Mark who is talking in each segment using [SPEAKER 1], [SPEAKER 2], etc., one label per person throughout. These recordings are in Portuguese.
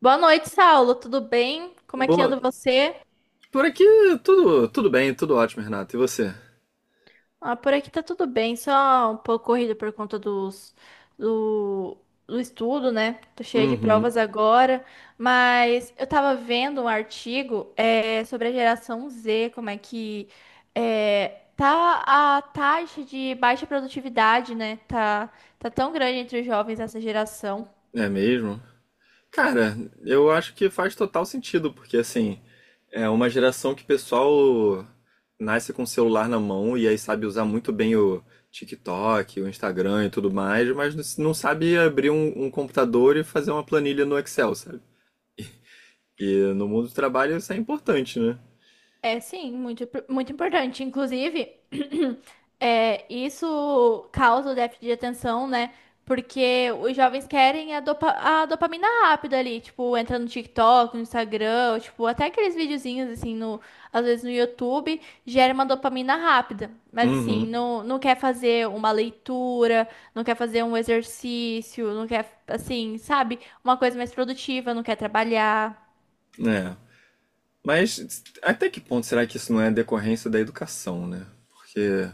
[SPEAKER 1] Boa noite, Saulo. Tudo bem? Como é que
[SPEAKER 2] Boa.
[SPEAKER 1] anda você?
[SPEAKER 2] Por aqui tudo bem, tudo ótimo, Renato. E você?
[SPEAKER 1] Ah, por aqui tá tudo bem, só um pouco corrido por conta do, do estudo, né? Tô cheia de
[SPEAKER 2] Uhum.
[SPEAKER 1] provas agora, mas eu tava vendo um artigo sobre a geração Z, como é que tá a taxa de baixa produtividade, né? Tá, tá tão grande entre os jovens dessa geração.
[SPEAKER 2] É mesmo? Cara, eu acho que faz total sentido, porque assim, é uma geração que o pessoal nasce com o celular na mão e aí sabe usar muito bem o TikTok, o Instagram e tudo mais, mas não sabe abrir um computador e fazer uma planilha no Excel, sabe? E no mundo do trabalho isso é importante, né?
[SPEAKER 1] É sim, muito, muito importante. Inclusive, isso causa o déficit de atenção, né? Porque os jovens querem a dopamina rápida ali, tipo, entra no TikTok, no Instagram, ou, tipo, até aqueles videozinhos, assim, às vezes no YouTube, gera uma dopamina rápida. Mas, assim,
[SPEAKER 2] Uhum.
[SPEAKER 1] não quer fazer uma leitura, não quer fazer um exercício, não quer, assim, sabe? Uma coisa mais produtiva, não quer trabalhar.
[SPEAKER 2] É. Mas até que ponto será que isso não é decorrência da educação, né? Porque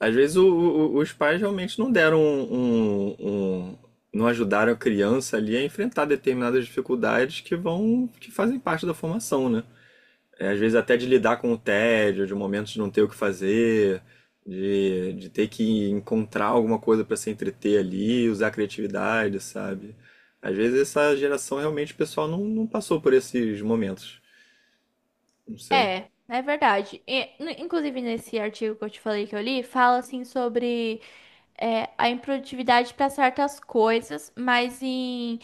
[SPEAKER 2] às vezes os pais realmente não deram um- não ajudaram a criança ali a enfrentar determinadas dificuldades que que fazem parte da formação, né? É, às vezes até de lidar com o tédio, de momentos de não ter o que fazer, de ter que encontrar alguma coisa para se entreter ali, usar a criatividade, sabe? Às vezes essa geração realmente o pessoal não passou por esses momentos. Não sei.
[SPEAKER 1] É, é verdade. E, inclusive, nesse artigo que eu te falei que eu li, fala assim sobre a improdutividade para certas coisas, mas em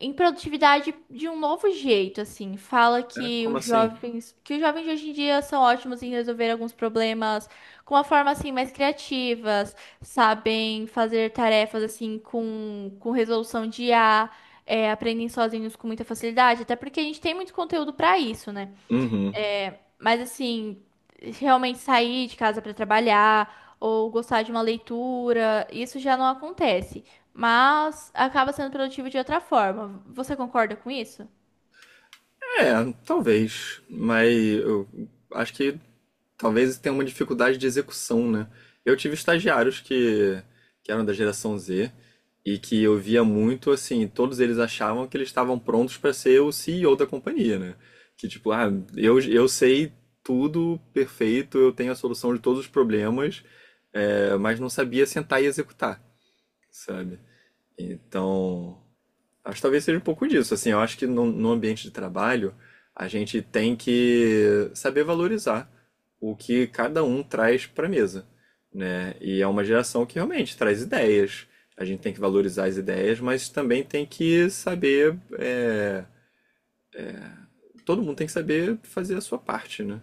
[SPEAKER 1] improdutividade de um novo jeito, assim. Fala
[SPEAKER 2] É, como assim?
[SPEAKER 1] que os jovens de hoje em dia são ótimos em resolver alguns problemas com uma forma assim mais criativas, sabem fazer tarefas assim com resolução de IA, aprendem sozinhos com muita facilidade, até porque a gente tem muito conteúdo para isso, né?
[SPEAKER 2] Uhum.
[SPEAKER 1] Mas assim, realmente sair de casa para trabalhar ou gostar de uma leitura, isso já não acontece. Mas acaba sendo produtivo de outra forma. Você concorda com isso?
[SPEAKER 2] É, talvez. Mas eu acho que talvez tenha uma dificuldade de execução, né? Eu tive estagiários que eram da geração Z e que eu via muito assim, todos eles achavam que eles estavam prontos para ser o CEO da companhia, né? Que tipo, ah, eu sei tudo perfeito, eu tenho a solução de todos os problemas, mas não sabia sentar e executar, sabe? Então, acho que talvez seja um pouco disso. Assim, eu acho que no ambiente de trabalho a gente tem que saber valorizar o que cada um traz para a mesa, né? E é uma geração que realmente traz ideias. A gente tem que valorizar as ideias, mas também tem que saber. Todo mundo tem que saber fazer a sua parte, né?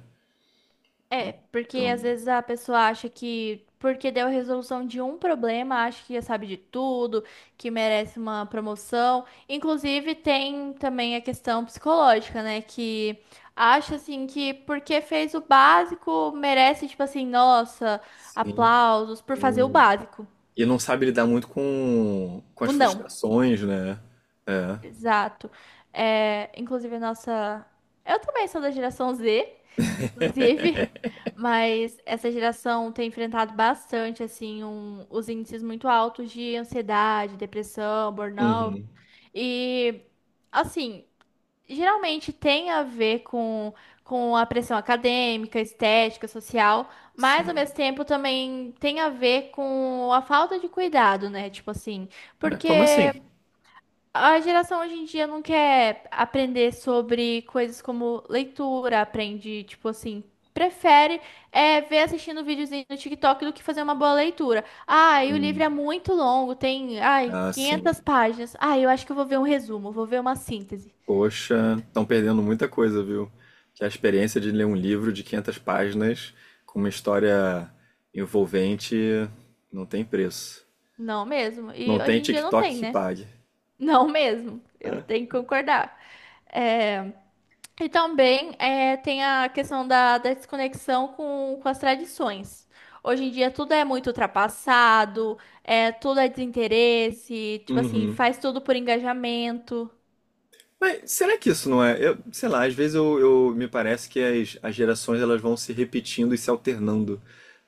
[SPEAKER 1] É, porque
[SPEAKER 2] Então,
[SPEAKER 1] às vezes a pessoa acha que porque deu a resolução de um problema, acha que já sabe de tudo, que merece uma promoção. Inclusive, tem também a questão psicológica, né? Que acha assim que porque fez o básico, merece, tipo assim, nossa,
[SPEAKER 2] sim.
[SPEAKER 1] aplausos por fazer o básico.
[SPEAKER 2] E não sabe lidar muito com as
[SPEAKER 1] O não.
[SPEAKER 2] frustrações, né? É.
[SPEAKER 1] Exato. É, inclusive, a nossa. Eu também sou da geração Z, inclusive, mas essa geração tem enfrentado bastante, assim, os índices muito altos de ansiedade, depressão, burnout.
[SPEAKER 2] Uhum.
[SPEAKER 1] E, assim, geralmente tem a ver com a pressão acadêmica, estética, social, mas ao
[SPEAKER 2] Sim.
[SPEAKER 1] mesmo tempo também tem a ver com a falta de cuidado, né? Tipo assim,
[SPEAKER 2] É, como
[SPEAKER 1] porque.
[SPEAKER 2] assim?
[SPEAKER 1] A geração hoje em dia não quer aprender sobre coisas como leitura, aprende, tipo assim, prefere ver assistindo videozinho no TikTok do que fazer uma boa leitura. Ah, e o livro
[SPEAKER 2] Hum.
[SPEAKER 1] é muito longo, tem, ai,
[SPEAKER 2] Ah, sim.
[SPEAKER 1] 500 páginas. Ah, eu acho que eu vou ver um resumo, vou ver uma síntese.
[SPEAKER 2] Poxa, estão perdendo muita coisa, viu? Que é a experiência de ler um livro de 500 páginas com uma história envolvente não tem preço.
[SPEAKER 1] Não mesmo.
[SPEAKER 2] Não
[SPEAKER 1] E hoje
[SPEAKER 2] tem
[SPEAKER 1] em dia não
[SPEAKER 2] TikTok
[SPEAKER 1] tem,
[SPEAKER 2] que
[SPEAKER 1] né?
[SPEAKER 2] pague.
[SPEAKER 1] Não mesmo. Eu
[SPEAKER 2] Né?
[SPEAKER 1] tenho que concordar. É, e também tem a questão da, da desconexão com as tradições. Hoje em dia tudo é muito ultrapassado, tudo é desinteresse, tipo assim,
[SPEAKER 2] Uhum.
[SPEAKER 1] faz tudo por engajamento.
[SPEAKER 2] Mas será que isso não é? Eu, sei lá, às vezes me parece que as gerações elas vão se repetindo e se alternando,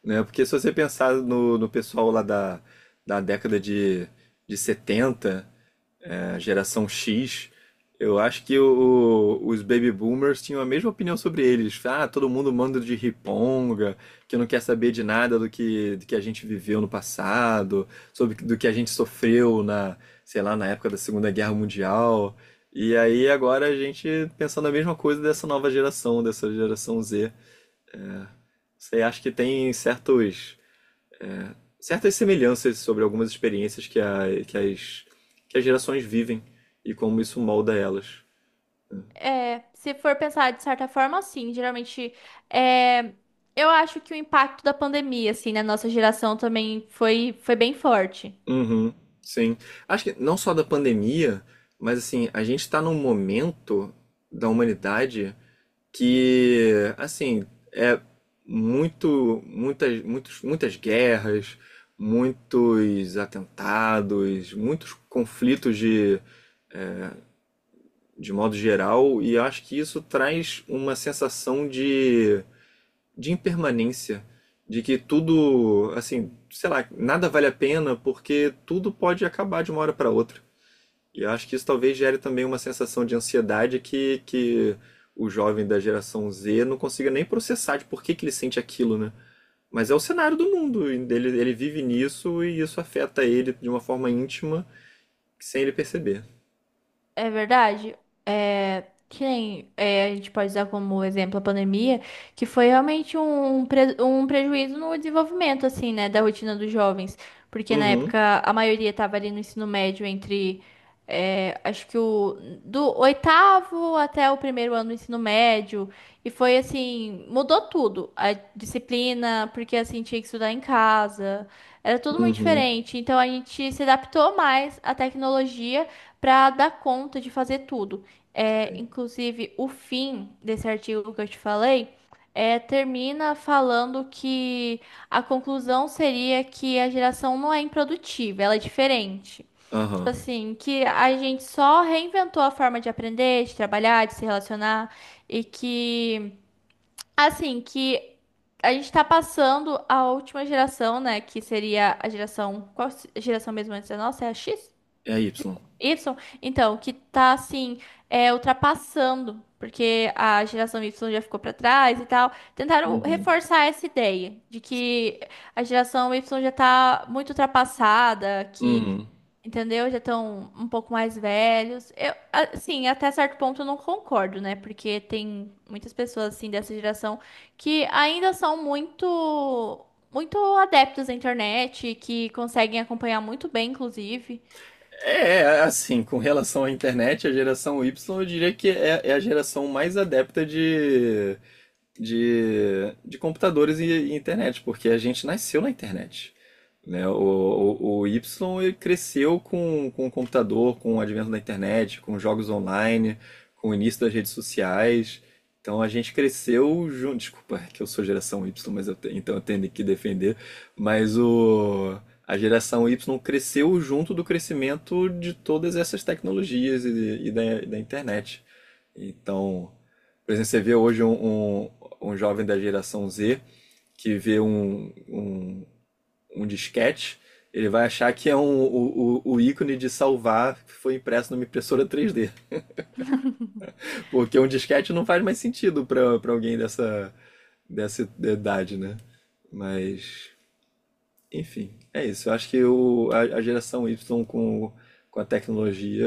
[SPEAKER 2] né? Porque se você pensar no pessoal lá da década de setenta, a geração X, eu acho que os baby boomers tinham a mesma opinião sobre eles. Ah, todo mundo manda de riponga, que não quer saber de nada do que a gente viveu no passado, sobre do que a gente sofreu sei lá, na época da Segunda Guerra Mundial. E aí agora a gente pensando a mesma coisa dessa nova geração, dessa geração Z. Você acha que tem certas semelhanças sobre algumas experiências que, as, que as gerações vivem e como isso molda elas.
[SPEAKER 1] É, se for pensar de certa forma, sim, geralmente é, eu acho que o impacto da pandemia, assim, na nossa geração também foi bem forte.
[SPEAKER 2] Uhum, sim. Acho que não só da pandemia, mas assim, a gente está num momento da humanidade que, assim, é muito, muitas, muitos, muitas guerras, muitos atentados, muitos conflitos de modo geral, e eu acho que isso traz uma sensação de impermanência, de que tudo, assim, sei lá, nada vale a pena porque tudo pode acabar de uma hora para outra. E eu acho que isso talvez gere também uma sensação de ansiedade que o jovem da geração Z não consiga nem processar de por que, que ele sente aquilo, né? Mas é o cenário do mundo, ele vive nisso e isso afeta ele de uma forma íntima sem ele perceber.
[SPEAKER 1] É verdade. É, que nem, é, a gente pode usar como exemplo a pandemia, que foi realmente um prejuízo no desenvolvimento, assim, né, da rotina dos jovens. Porque na
[SPEAKER 2] Uhum,
[SPEAKER 1] época a maioria estava ali no ensino médio entre, acho que do oitavo até o primeiro ano do ensino médio. E foi assim, mudou tudo. A disciplina, porque assim, tinha que estudar em casa. Era tudo muito
[SPEAKER 2] uhum,
[SPEAKER 1] diferente. Então a gente se adaptou mais à tecnologia para dar conta de fazer tudo. É,
[SPEAKER 2] sei.
[SPEAKER 1] inclusive, o fim desse artigo que eu te falei termina falando que a conclusão seria que a geração não é improdutiva, ela é diferente. Tipo
[SPEAKER 2] Aham,
[SPEAKER 1] assim, que a gente só reinventou a forma de aprender, de trabalhar, de se relacionar e que, assim, que a gente está passando a última geração, né? Que seria a geração. Qual geração mesmo antes da nossa? É a X?
[SPEAKER 2] é a Y.
[SPEAKER 1] Y, então, que tá assim, ultrapassando, porque a geração Y já ficou pra trás e tal. Tentaram
[SPEAKER 2] Uhum,
[SPEAKER 1] reforçar essa ideia de que a geração Y já tá muito ultrapassada, que,
[SPEAKER 2] uhum.
[SPEAKER 1] entendeu? Já estão um pouco mais velhos. Eu, assim, até certo ponto eu não concordo, né? Porque tem muitas pessoas assim dessa geração que ainda são muito muito adeptos à internet, que conseguem acompanhar muito bem, inclusive.
[SPEAKER 2] É, é, assim, com relação à internet, a geração Y eu diria que é a geração mais adepta de de computadores e internet, porque a gente nasceu na internet. Né? O Y ele cresceu com o computador, com o advento da internet, com jogos online, com o início das redes sociais. Então a gente cresceu junto. Desculpa é que eu sou geração Y, mas eu te- então eu tenho que defender. Mas a geração Y cresceu junto do crescimento de todas essas tecnologias e da internet. Então, por exemplo, você vê hoje um jovem da geração Z que vê um disquete, ele vai achar que é um, o ícone de salvar que foi impresso numa impressora 3D. Porque um disquete não faz mais sentido para para alguém dessa, dessa idade, né? Mas, enfim, é isso. Eu acho que a geração Y com a tecnologia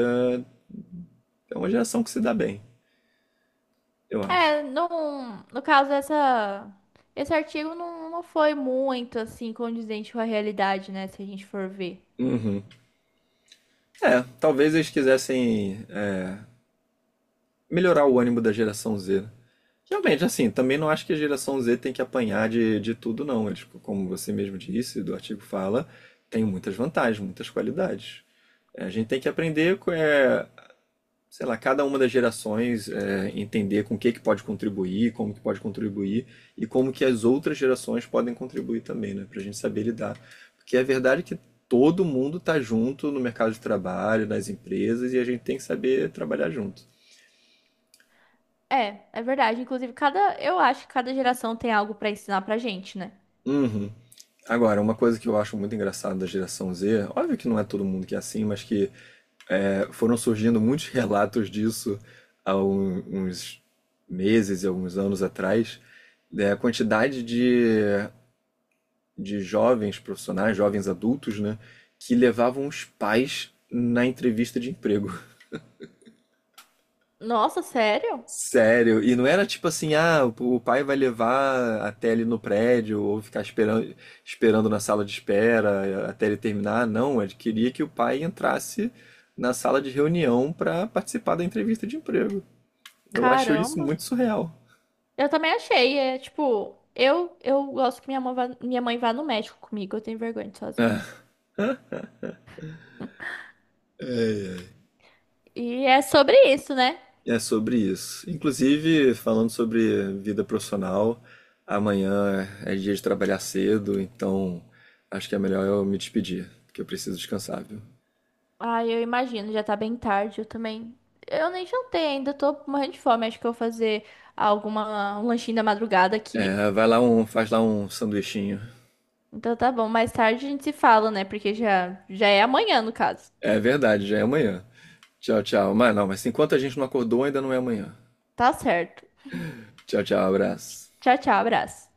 [SPEAKER 2] é uma geração que se dá bem, eu acho.
[SPEAKER 1] É, não, no caso esse artigo não foi muito assim condizente com a realidade, né, se a gente for ver.
[SPEAKER 2] Uhum. É, talvez eles quisessem melhorar o ânimo da geração Z. Né? Realmente, assim, também não acho que a geração Z tem que apanhar de tudo, não. Eles, como você mesmo disse, do artigo fala, tem muitas vantagens, muitas qualidades. É, a gente tem que aprender, sei lá, cada uma das gerações, é, entender com o que que pode contribuir, como que pode contribuir e como que as outras gerações podem contribuir também, né? Pra gente saber lidar. Porque a verdade é que todo mundo tá junto no mercado de trabalho, nas empresas, e a gente tem que saber trabalhar junto.
[SPEAKER 1] É, é verdade. Inclusive, cada, eu acho que cada geração tem algo pra ensinar pra gente, né?
[SPEAKER 2] Uhum. Agora, uma coisa que eu acho muito engraçada da geração Z, óbvio que não é todo mundo que é assim, mas que é, foram surgindo muitos relatos disso há uns meses e alguns anos atrás, da quantidade de jovens profissionais, jovens adultos, né, que levavam os pais na entrevista de emprego.
[SPEAKER 1] Nossa, sério?
[SPEAKER 2] Sério, e não era tipo assim, ah, o pai vai levar até ele no prédio ou ficar esperando na sala de espera até ele terminar. Não, ele queria que o pai entrasse na sala de reunião para participar da entrevista de emprego. Eu acho isso
[SPEAKER 1] Caramba.
[SPEAKER 2] muito surreal.
[SPEAKER 1] Eu também achei, é tipo, eu gosto que minha mãe vá no médico comigo, eu tenho vergonha de ir sozinha.
[SPEAKER 2] É,
[SPEAKER 1] E é sobre isso, né?
[SPEAKER 2] é sobre isso. Inclusive, falando sobre vida profissional, amanhã é dia de trabalhar cedo, então acho que é melhor eu me despedir, porque eu preciso descansar, viu?
[SPEAKER 1] Ah, eu imagino, já tá bem tarde, eu também. Eu nem jantei ainda, tô morrendo de fome. Acho que eu vou fazer alguma, um lanchinho da madrugada aqui.
[SPEAKER 2] É, vai lá um, faz lá um sanduichinho.
[SPEAKER 1] Então tá bom, mais tarde a gente se fala, né? Porque já é amanhã, no caso.
[SPEAKER 2] É verdade, já é amanhã. Tchau, tchau. Mas não, mas enquanto a gente não acordou, ainda não é amanhã.
[SPEAKER 1] Tá certo.
[SPEAKER 2] Tchau, tchau, abraço.
[SPEAKER 1] Tchau, tchau, abraço.